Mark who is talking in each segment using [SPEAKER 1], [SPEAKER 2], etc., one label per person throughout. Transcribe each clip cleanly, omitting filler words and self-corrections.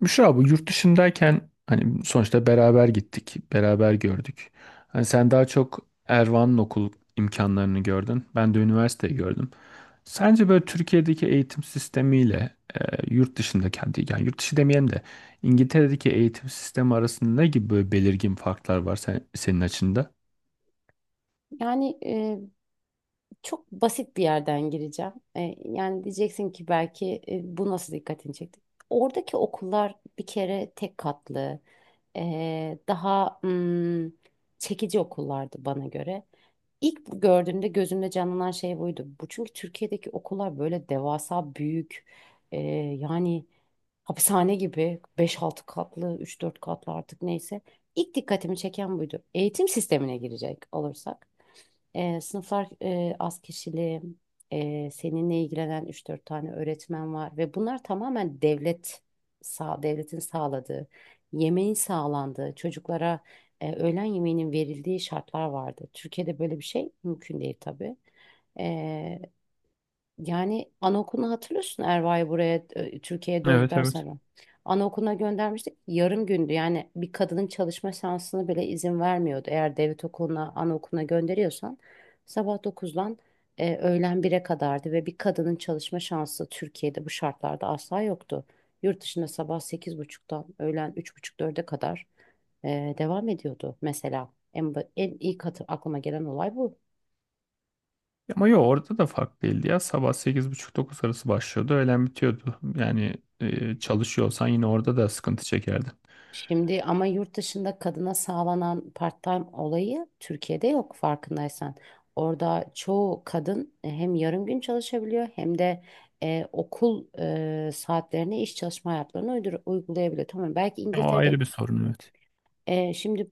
[SPEAKER 1] Müşra bu yurt dışındayken hani sonuçta beraber gittik, beraber gördük. Hani sen daha çok Ervan'ın okul imkanlarını gördün. Ben de üniversiteyi gördüm. Sence böyle Türkiye'deki eğitim sistemiyle yurt dışındaki, hadi yani yurt dışı demeyelim de İngiltere'deki eğitim sistemi arasında ne gibi böyle belirgin farklar var senin açında?
[SPEAKER 2] Yani çok basit bir yerden gireceğim. Yani diyeceksin ki belki bu nasıl dikkatini çekti? Oradaki okullar bir kere tek katlı, daha çekici okullardı bana göre. İlk bu gördüğümde gözümde canlanan şey buydu. Bu çünkü Türkiye'deki okullar böyle devasa büyük e, yani hapishane gibi beş altı katlı üç dört katlı artık neyse. İlk dikkatimi çeken buydu. Eğitim sistemine girecek olursak. Sınıflar az kişili, seninle ilgilenen üç dört tane öğretmen var ve bunlar tamamen devletin sağladığı, yemeğin sağlandığı, çocuklara öğlen yemeğinin verildiği şartlar vardı. Türkiye'de böyle bir şey mümkün değil tabii. E, Yani anaokulunu hatırlıyorsun Erva'yı buraya Türkiye'ye
[SPEAKER 1] Evet,
[SPEAKER 2] döndükten
[SPEAKER 1] evet.
[SPEAKER 2] sonra. Anaokuluna göndermiştik. Yarım gündü. Yani bir kadının çalışma şansını bile izin vermiyordu. Eğer devlet okuluna, anaokuluna gönderiyorsan sabah dokuzdan öğlen bire kadardı ve bir kadının çalışma şansı Türkiye'de bu şartlarda asla yoktu. Yurt dışında sabah sekiz buçuktan öğlen üç buçuk dörde kadar devam ediyordu mesela. En ilk aklıma gelen olay bu.
[SPEAKER 1] Ama yok, orada da fark değildi ya. Sabah sekiz buçuk dokuz arası başlıyordu. Öğlen bitiyordu. Yani çalışıyorsan yine orada da sıkıntı çekerdin.
[SPEAKER 2] Şimdi ama yurt dışında kadına sağlanan part-time olayı Türkiye'de yok farkındaysan. Orada çoğu kadın hem yarım gün çalışabiliyor hem de okul saatlerine iş çalışma hayatlarını uygulayabiliyor. Tamam belki
[SPEAKER 1] O
[SPEAKER 2] İngiltere'de
[SPEAKER 1] ayrı bir sorun, evet.
[SPEAKER 2] şimdi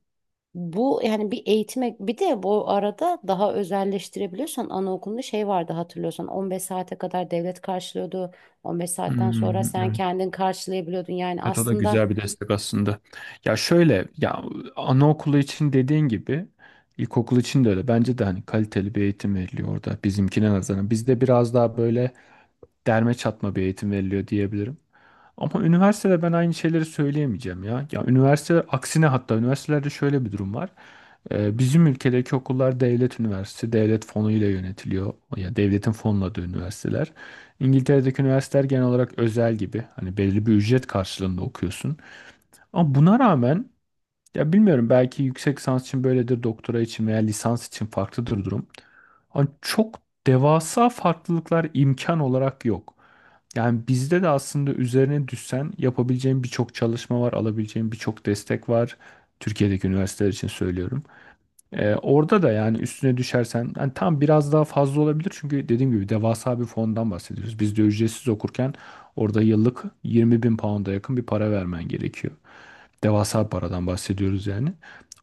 [SPEAKER 2] bu yani bir eğitime bir de bu arada daha özelleştirebiliyorsan anaokulunda şey vardı hatırlıyorsan 15 saate kadar devlet karşılıyordu. 15 saatten sonra
[SPEAKER 1] Hmm,
[SPEAKER 2] sen
[SPEAKER 1] evet.
[SPEAKER 2] kendin karşılayabiliyordun. Yani
[SPEAKER 1] Evet, o da
[SPEAKER 2] aslında
[SPEAKER 1] güzel bir destek aslında. Ya şöyle, ya anaokulu için dediğin gibi ilkokul için de öyle. Bence de hani kaliteli bir eğitim veriliyor orada bizimkine nazaran. Bizde biraz daha böyle derme çatma bir eğitim veriliyor diyebilirim. Ama üniversitede ben aynı şeyleri söyleyemeyeceğim ya. Ya üniversite aksine, hatta üniversitelerde şöyle bir durum var. Bizim ülkedeki okullar devlet üniversitesi, devlet fonuyla yönetiliyor. Ya devletin fonladığı üniversiteler. İngiltere'deki üniversiteler genel olarak özel gibi. Hani belli bir ücret karşılığında okuyorsun. Ama buna rağmen ya, bilmiyorum, belki yüksek lisans için böyledir, doktora için veya lisans için farklıdır durum. Ama çok devasa farklılıklar imkan olarak yok. Yani bizde de aslında üzerine düşsen yapabileceğin birçok çalışma var, alabileceğin birçok destek var. Türkiye'deki üniversiteler için söylüyorum. Orada da yani üstüne düşersen yani tam, biraz daha fazla olabilir çünkü dediğim gibi devasa bir fondan bahsediyoruz. Biz de ücretsiz okurken orada yıllık 20 bin pound'a yakın bir para vermen gerekiyor. Devasa bir paradan bahsediyoruz yani.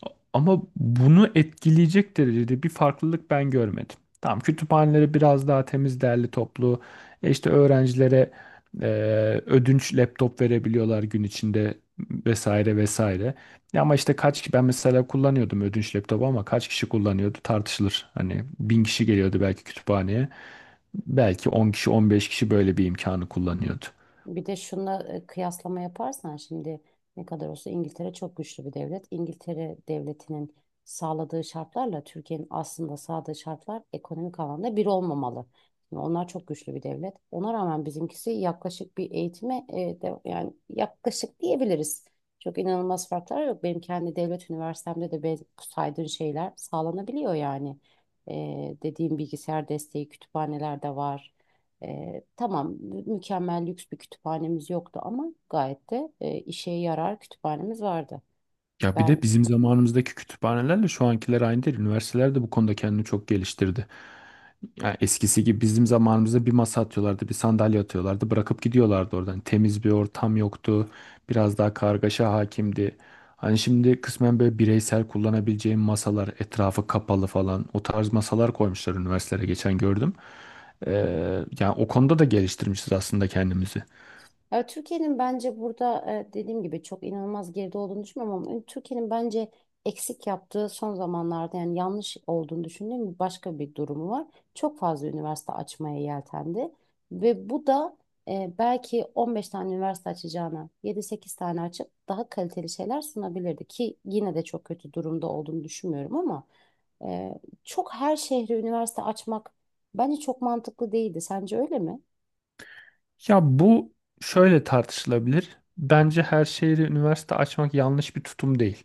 [SPEAKER 1] A- Ama bunu etkileyecek derecede bir farklılık ben görmedim. Tamam, kütüphaneleri biraz daha temiz, derli toplu. E işte öğrencilere e, ödünç laptop verebiliyorlar gün içinde, vesaire vesaire. Ya ama işte kaç kişi, ben mesela kullanıyordum ödünç laptopu ama kaç kişi kullanıyordu tartışılır. Hani 1000 kişi geliyordu belki kütüphaneye. Belki 10 kişi 15 kişi böyle bir imkanı kullanıyordu.
[SPEAKER 2] bir de şuna kıyaslama yaparsan şimdi ne kadar olsa İngiltere çok güçlü bir devlet. İngiltere devletinin sağladığı şartlarla Türkiye'nin aslında sağladığı şartlar ekonomik alanda bir olmamalı. Şimdi onlar çok güçlü bir devlet. Ona rağmen bizimkisi yaklaşık bir eğitime yani yaklaşık diyebiliriz. Çok inanılmaz farklar yok. Benim kendi devlet üniversitemde de saydığın şeyler sağlanabiliyor yani. Dediğim bilgisayar desteği kütüphaneler de var. Tamam mükemmel lüks bir kütüphanemiz yoktu ama gayet de işe yarar kütüphanemiz vardı.
[SPEAKER 1] Ya bir de
[SPEAKER 2] Ben
[SPEAKER 1] bizim zamanımızdaki kütüphanelerle şu ankiler aynı değil. Üniversiteler de bu konuda kendini çok geliştirdi. Ya eskisi gibi bizim zamanımızda bir masa atıyorlardı, bir sandalye atıyorlardı, bırakıp gidiyorlardı oradan. Temiz bir ortam yoktu, biraz daha kargaşa hakimdi. Hani şimdi kısmen böyle bireysel kullanabileceğim masalar, etrafı kapalı falan o tarz masalar koymuşlar üniversitelere, geçen gördüm. Ee, yani o konuda da geliştirmişiz aslında kendimizi.
[SPEAKER 2] Ya Türkiye'nin bence burada dediğim gibi çok inanılmaz geride olduğunu düşünmüyorum ama Türkiye'nin bence eksik yaptığı son zamanlarda yani yanlış olduğunu düşündüğüm başka bir durumu var. Çok fazla üniversite açmaya yeltendi ve bu da belki 15 tane üniversite açacağına yedi sekiz tane açıp daha kaliteli şeyler sunabilirdi ki yine de çok kötü durumda olduğunu düşünmüyorum ama e, çok her şehre üniversite açmak bence çok mantıklı değildi. Sence öyle mi?
[SPEAKER 1] Ya bu şöyle tartışılabilir. Bence her şehri üniversite açmak yanlış bir tutum değil.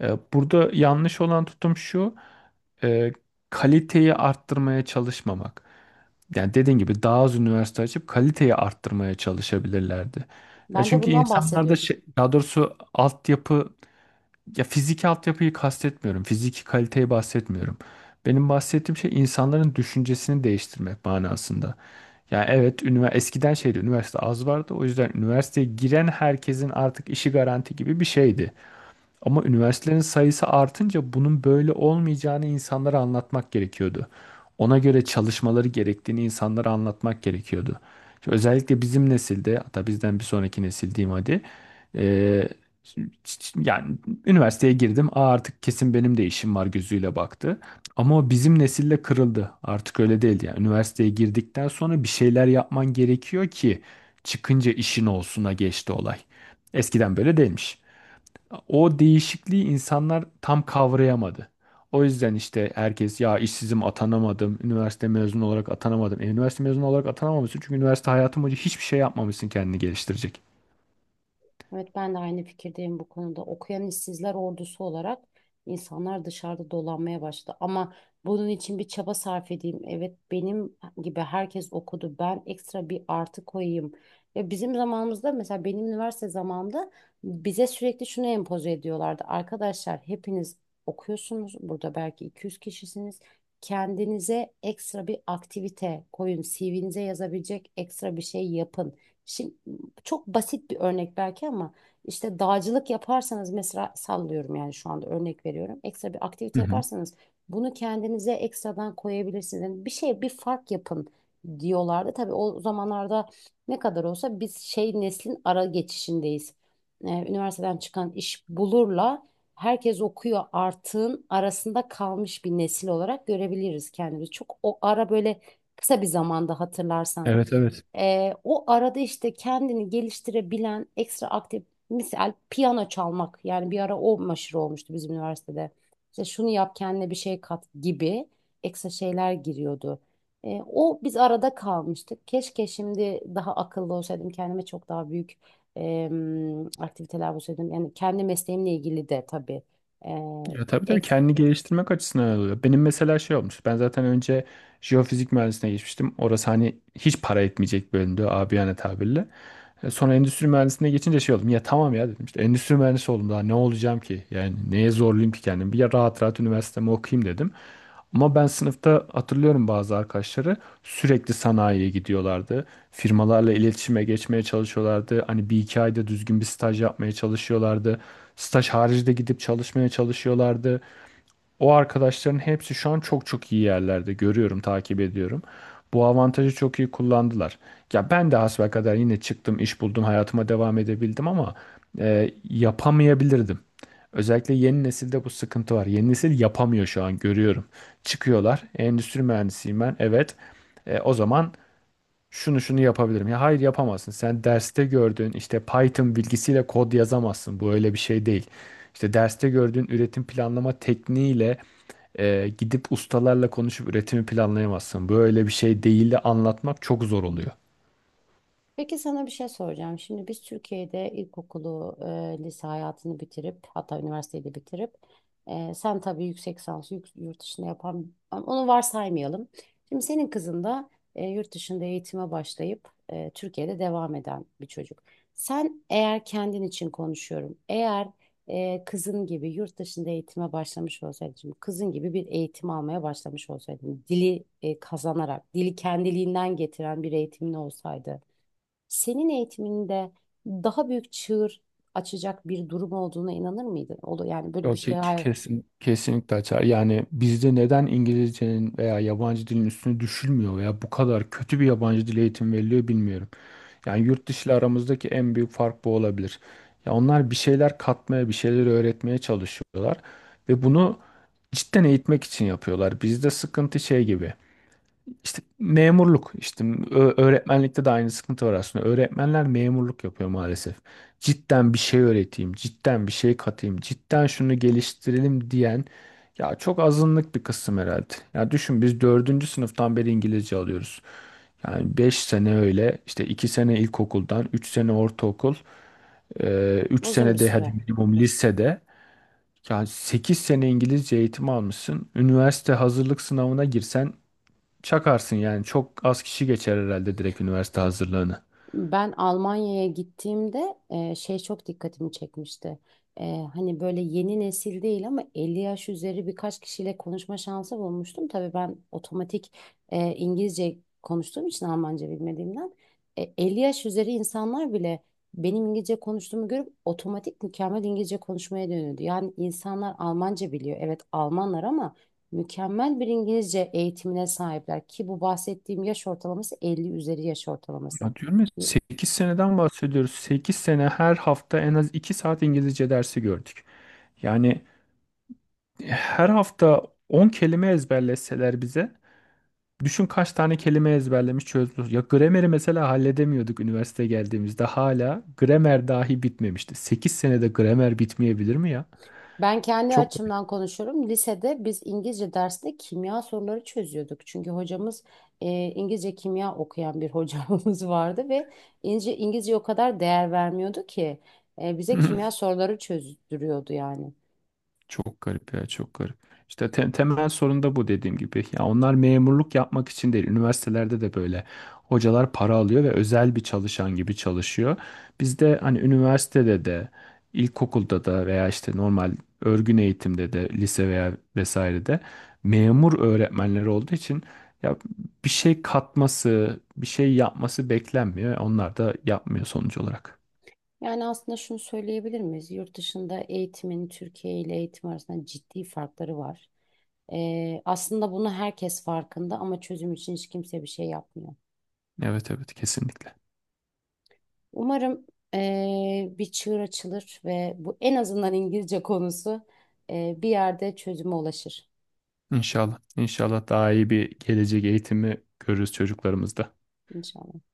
[SPEAKER 1] Burada yanlış olan tutum şu, e, kaliteyi arttırmaya çalışmamak. Yani dediğin gibi daha az üniversite açıp kaliteyi arttırmaya çalışabilirlerdi. Ya
[SPEAKER 2] Ben de
[SPEAKER 1] çünkü
[SPEAKER 2] bundan
[SPEAKER 1] insanlarda
[SPEAKER 2] bahsediyorum.
[SPEAKER 1] şey, daha doğrusu altyapı, ya fiziki altyapıyı kastetmiyorum. Fiziki kaliteyi bahsetmiyorum. Benim bahsettiğim şey insanların düşüncesini değiştirmek manasında. Yani evet, eskiden şeydi, üniversite az vardı. O yüzden üniversiteye giren herkesin artık işi garanti gibi bir şeydi. Ama üniversitelerin sayısı artınca bunun böyle olmayacağını insanlara anlatmak gerekiyordu. Ona göre çalışmaları gerektiğini insanlara anlatmak gerekiyordu. Şimdi özellikle bizim nesilde, hatta bizden bir sonraki nesil diyeyim hadi. eee, yani üniversiteye girdim. Aa, artık kesin benim de işim var gözüyle baktı. Ama o bizim nesille kırıldı. Artık öyle değil. Yani üniversiteye girdikten sonra bir şeyler yapman gerekiyor ki çıkınca işin olsuna geçti olay. Eskiden böyle değilmiş. O değişikliği insanlar tam kavrayamadı. O yüzden işte herkes, ya işsizim, atanamadım, üniversite mezunu olarak atanamadım. Üniversite mezunu olarak atanamamışsın çünkü üniversite hayatı boyunca hiçbir şey yapmamışsın kendini geliştirecek.
[SPEAKER 2] Evet ben de aynı fikirdeyim bu konuda. Okuyan işsizler ordusu olarak insanlar dışarıda dolanmaya başladı. Ama bunun için bir çaba sarf edeyim. Evet benim gibi herkes okudu. Ben ekstra bir artı koyayım. Ya bizim zamanımızda mesela benim üniversite zamanımda bize sürekli şunu empoze ediyorlardı. Arkadaşlar hepiniz okuyorsunuz. Burada belki 200 kişisiniz. Kendinize ekstra bir aktivite koyun. CV'nize yazabilecek ekstra bir şey yapın. Şimdi çok basit bir örnek belki ama işte dağcılık yaparsanız mesela sallıyorum yani şu anda örnek veriyorum. Ekstra bir aktivite
[SPEAKER 1] Hı hı.
[SPEAKER 2] yaparsanız bunu kendinize ekstradan koyabilirsiniz. Yani bir şey bir fark yapın diyorlardı. Tabii o zamanlarda ne kadar olsa biz şey neslin ara geçişindeyiz. Üniversiteden çıkan iş bulurla herkes okuyor artığın arasında kalmış bir nesil olarak görebiliriz kendimizi. Çok o ara böyle kısa bir zamanda hatırlarsan.
[SPEAKER 1] Evet, evet.
[SPEAKER 2] O arada işte kendini geliştirebilen ekstra aktif misal piyano çalmak yani bir ara o meşhur olmuştu bizim üniversitede. İşte şunu yap kendine bir şey kat gibi ekstra şeyler giriyordu. O biz arada kalmıştık. Keşke şimdi daha akıllı olsaydım kendime çok daha büyük aktiviteler bulsaydım. Yani kendi mesleğimle ilgili de tabii
[SPEAKER 1] Ya tabii
[SPEAKER 2] e,
[SPEAKER 1] tabii, kendini geliştirmek açısından öyle oluyor. Benim mesela şey olmuş. Ben zaten önce jeofizik mühendisliğine geçmiştim. Orası hani hiç para etmeyecek bir bölümdü, abiyane tabirle. Sonra endüstri mühendisliğine geçince şey oldum. Ya tamam ya, dedim işte endüstri mühendisi oldum, daha ne olacağım ki? Yani neye zorlayayım ki kendimi? Bir, ya rahat rahat üniversitemi okuyayım dedim. Ama ben sınıfta hatırlıyorum, bazı arkadaşları sürekli sanayiye gidiyorlardı. Firmalarla iletişime geçmeye çalışıyorlardı. Hani bir iki ayda düzgün bir staj yapmaya çalışıyorlardı. Staj harici de gidip çalışmaya çalışıyorlardı. O arkadaşların hepsi şu an çok çok iyi yerlerde, görüyorum, takip ediyorum. Bu avantajı çok iyi kullandılar. Ya ben de hasbelkader yine çıktım, iş buldum, hayatıma devam edebildim ama yapamayabilirdim. Özellikle yeni nesilde bu sıkıntı var. Yeni nesil yapamıyor şu an, görüyorum. Çıkıyorlar. Endüstri mühendisiyim ben. Evet. O zaman şunu şunu yapabilirim. Ya hayır, yapamazsın. Sen derste gördüğün işte Python bilgisiyle kod yazamazsın. Bu öyle bir şey değil. İşte derste gördüğün üretim planlama tekniğiyle gidip ustalarla konuşup üretimi planlayamazsın. Böyle bir şey değil de anlatmak çok zor oluyor.
[SPEAKER 2] Peki sana bir şey soracağım. Şimdi biz Türkiye'de ilkokulu, lise hayatını bitirip hatta üniversiteyi de bitirip sen tabii yüksek lisansı yurt dışında yapan ama onu varsaymayalım. Şimdi senin kızın da yurt dışında eğitime başlayıp Türkiye'de devam eden bir çocuk. Sen eğer kendin için konuşuyorum. Eğer kızın gibi yurt dışında eğitime başlamış olsaydın, şimdi kızın gibi bir eğitim almaya başlamış olsaydın, dili kazanarak, dili kendiliğinden getiren bir eğitimin olsaydı senin eğitiminde daha büyük çığır açacak bir durum olduğuna inanır mıydın? O da yani böyle bir
[SPEAKER 1] Yok
[SPEAKER 2] şey
[SPEAKER 1] ki
[SPEAKER 2] hayır,
[SPEAKER 1] kesin. Kesinlikle açar. Yani bizde neden İngilizcenin veya yabancı dilin üstüne düşülmüyor veya bu kadar kötü bir yabancı dil eğitimi veriliyor, bilmiyorum. Yani yurt dışı ile aramızdaki en büyük fark bu olabilir. Ya onlar bir şeyler katmaya, bir şeyler öğretmeye çalışıyorlar ve bunu cidden eğitmek için yapıyorlar. Bizde sıkıntı şey gibi. İşte memurluk, işte öğretmenlikte de aynı sıkıntı var aslında. Öğretmenler memurluk yapıyor maalesef. Cidden bir şey öğreteyim, cidden bir şey katayım, cidden şunu geliştirelim diyen ya çok azınlık bir kısım herhalde. Ya düşün, biz dördüncü sınıftan beri İngilizce alıyoruz. Yani 5 sene öyle, işte 2 sene ilkokuldan, 3 sene ortaokul, üç
[SPEAKER 2] uzun bir
[SPEAKER 1] sene de hadi
[SPEAKER 2] süre.
[SPEAKER 1] minimum lisede, yani 8 sene İngilizce eğitimi almışsın. Üniversite hazırlık sınavına girsen çakarsın yani. Çok az kişi geçer herhalde direkt üniversite hazırlığını.
[SPEAKER 2] Ben Almanya'ya gittiğimde şey çok dikkatimi çekmişti. E, Hani böyle yeni nesil değil ama 50 yaş üzeri birkaç kişiyle konuşma şansı bulmuştum. Tabii ben otomatik İngilizce konuştuğum için Almanca bilmediğimden 50 yaş üzeri insanlar bile benim İngilizce konuştuğumu görüp otomatik mükemmel İngilizce konuşmaya dönüyordu. Yani insanlar Almanca biliyor. Evet Almanlar ama mükemmel bir İngilizce eğitimine sahipler ki bu bahsettiğim yaş ortalaması 50 üzeri yaş ortalaması.
[SPEAKER 1] Ya diyorum ya, 8 seneden bahsediyoruz. 8 sene her hafta en az 2 saat İngilizce dersi gördük. Yani her hafta 10 kelime ezberleseler bize, düşün kaç tane kelime ezberlemiş çözdük. Ya grameri mesela halledemiyorduk, üniversite geldiğimizde hala gramer dahi bitmemişti. 8 senede gramer bitmeyebilir mi ya?
[SPEAKER 2] Ben kendi
[SPEAKER 1] Çok garip.
[SPEAKER 2] açımdan konuşuyorum. Lisede biz İngilizce dersinde kimya soruları çözüyorduk. Çünkü hocamız İngilizce kimya okuyan bir hocamız vardı ve İngilizce, İngilizce o kadar değer vermiyordu ki bize kimya soruları çözdürüyordu yani.
[SPEAKER 1] Çok garip ya, çok garip. İşte temel sorun da bu dediğim gibi. Ya onlar memurluk yapmak için değil. Üniversitelerde de böyle hocalar para alıyor ve özel bir çalışan gibi çalışıyor. Bizde hani üniversitede de, ilkokulda da veya işte normal örgün eğitimde de, lise veya vesairede memur öğretmenleri olduğu için ya bir şey katması, bir şey yapması beklenmiyor. Onlar da yapmıyor sonuç olarak.
[SPEAKER 2] Yani aslında şunu söyleyebilir miyiz? Yurt dışında eğitimin Türkiye ile eğitim arasında ciddi farkları var. Aslında bunu herkes farkında ama çözüm için hiç kimse bir şey yapmıyor.
[SPEAKER 1] Evet, evet, kesinlikle.
[SPEAKER 2] Umarım bir çığır açılır ve bu en azından İngilizce konusu bir yerde çözüme ulaşır.
[SPEAKER 1] İnşallah. İnşallah daha iyi bir gelecek eğitimi görürüz çocuklarımızda.
[SPEAKER 2] İnşallah.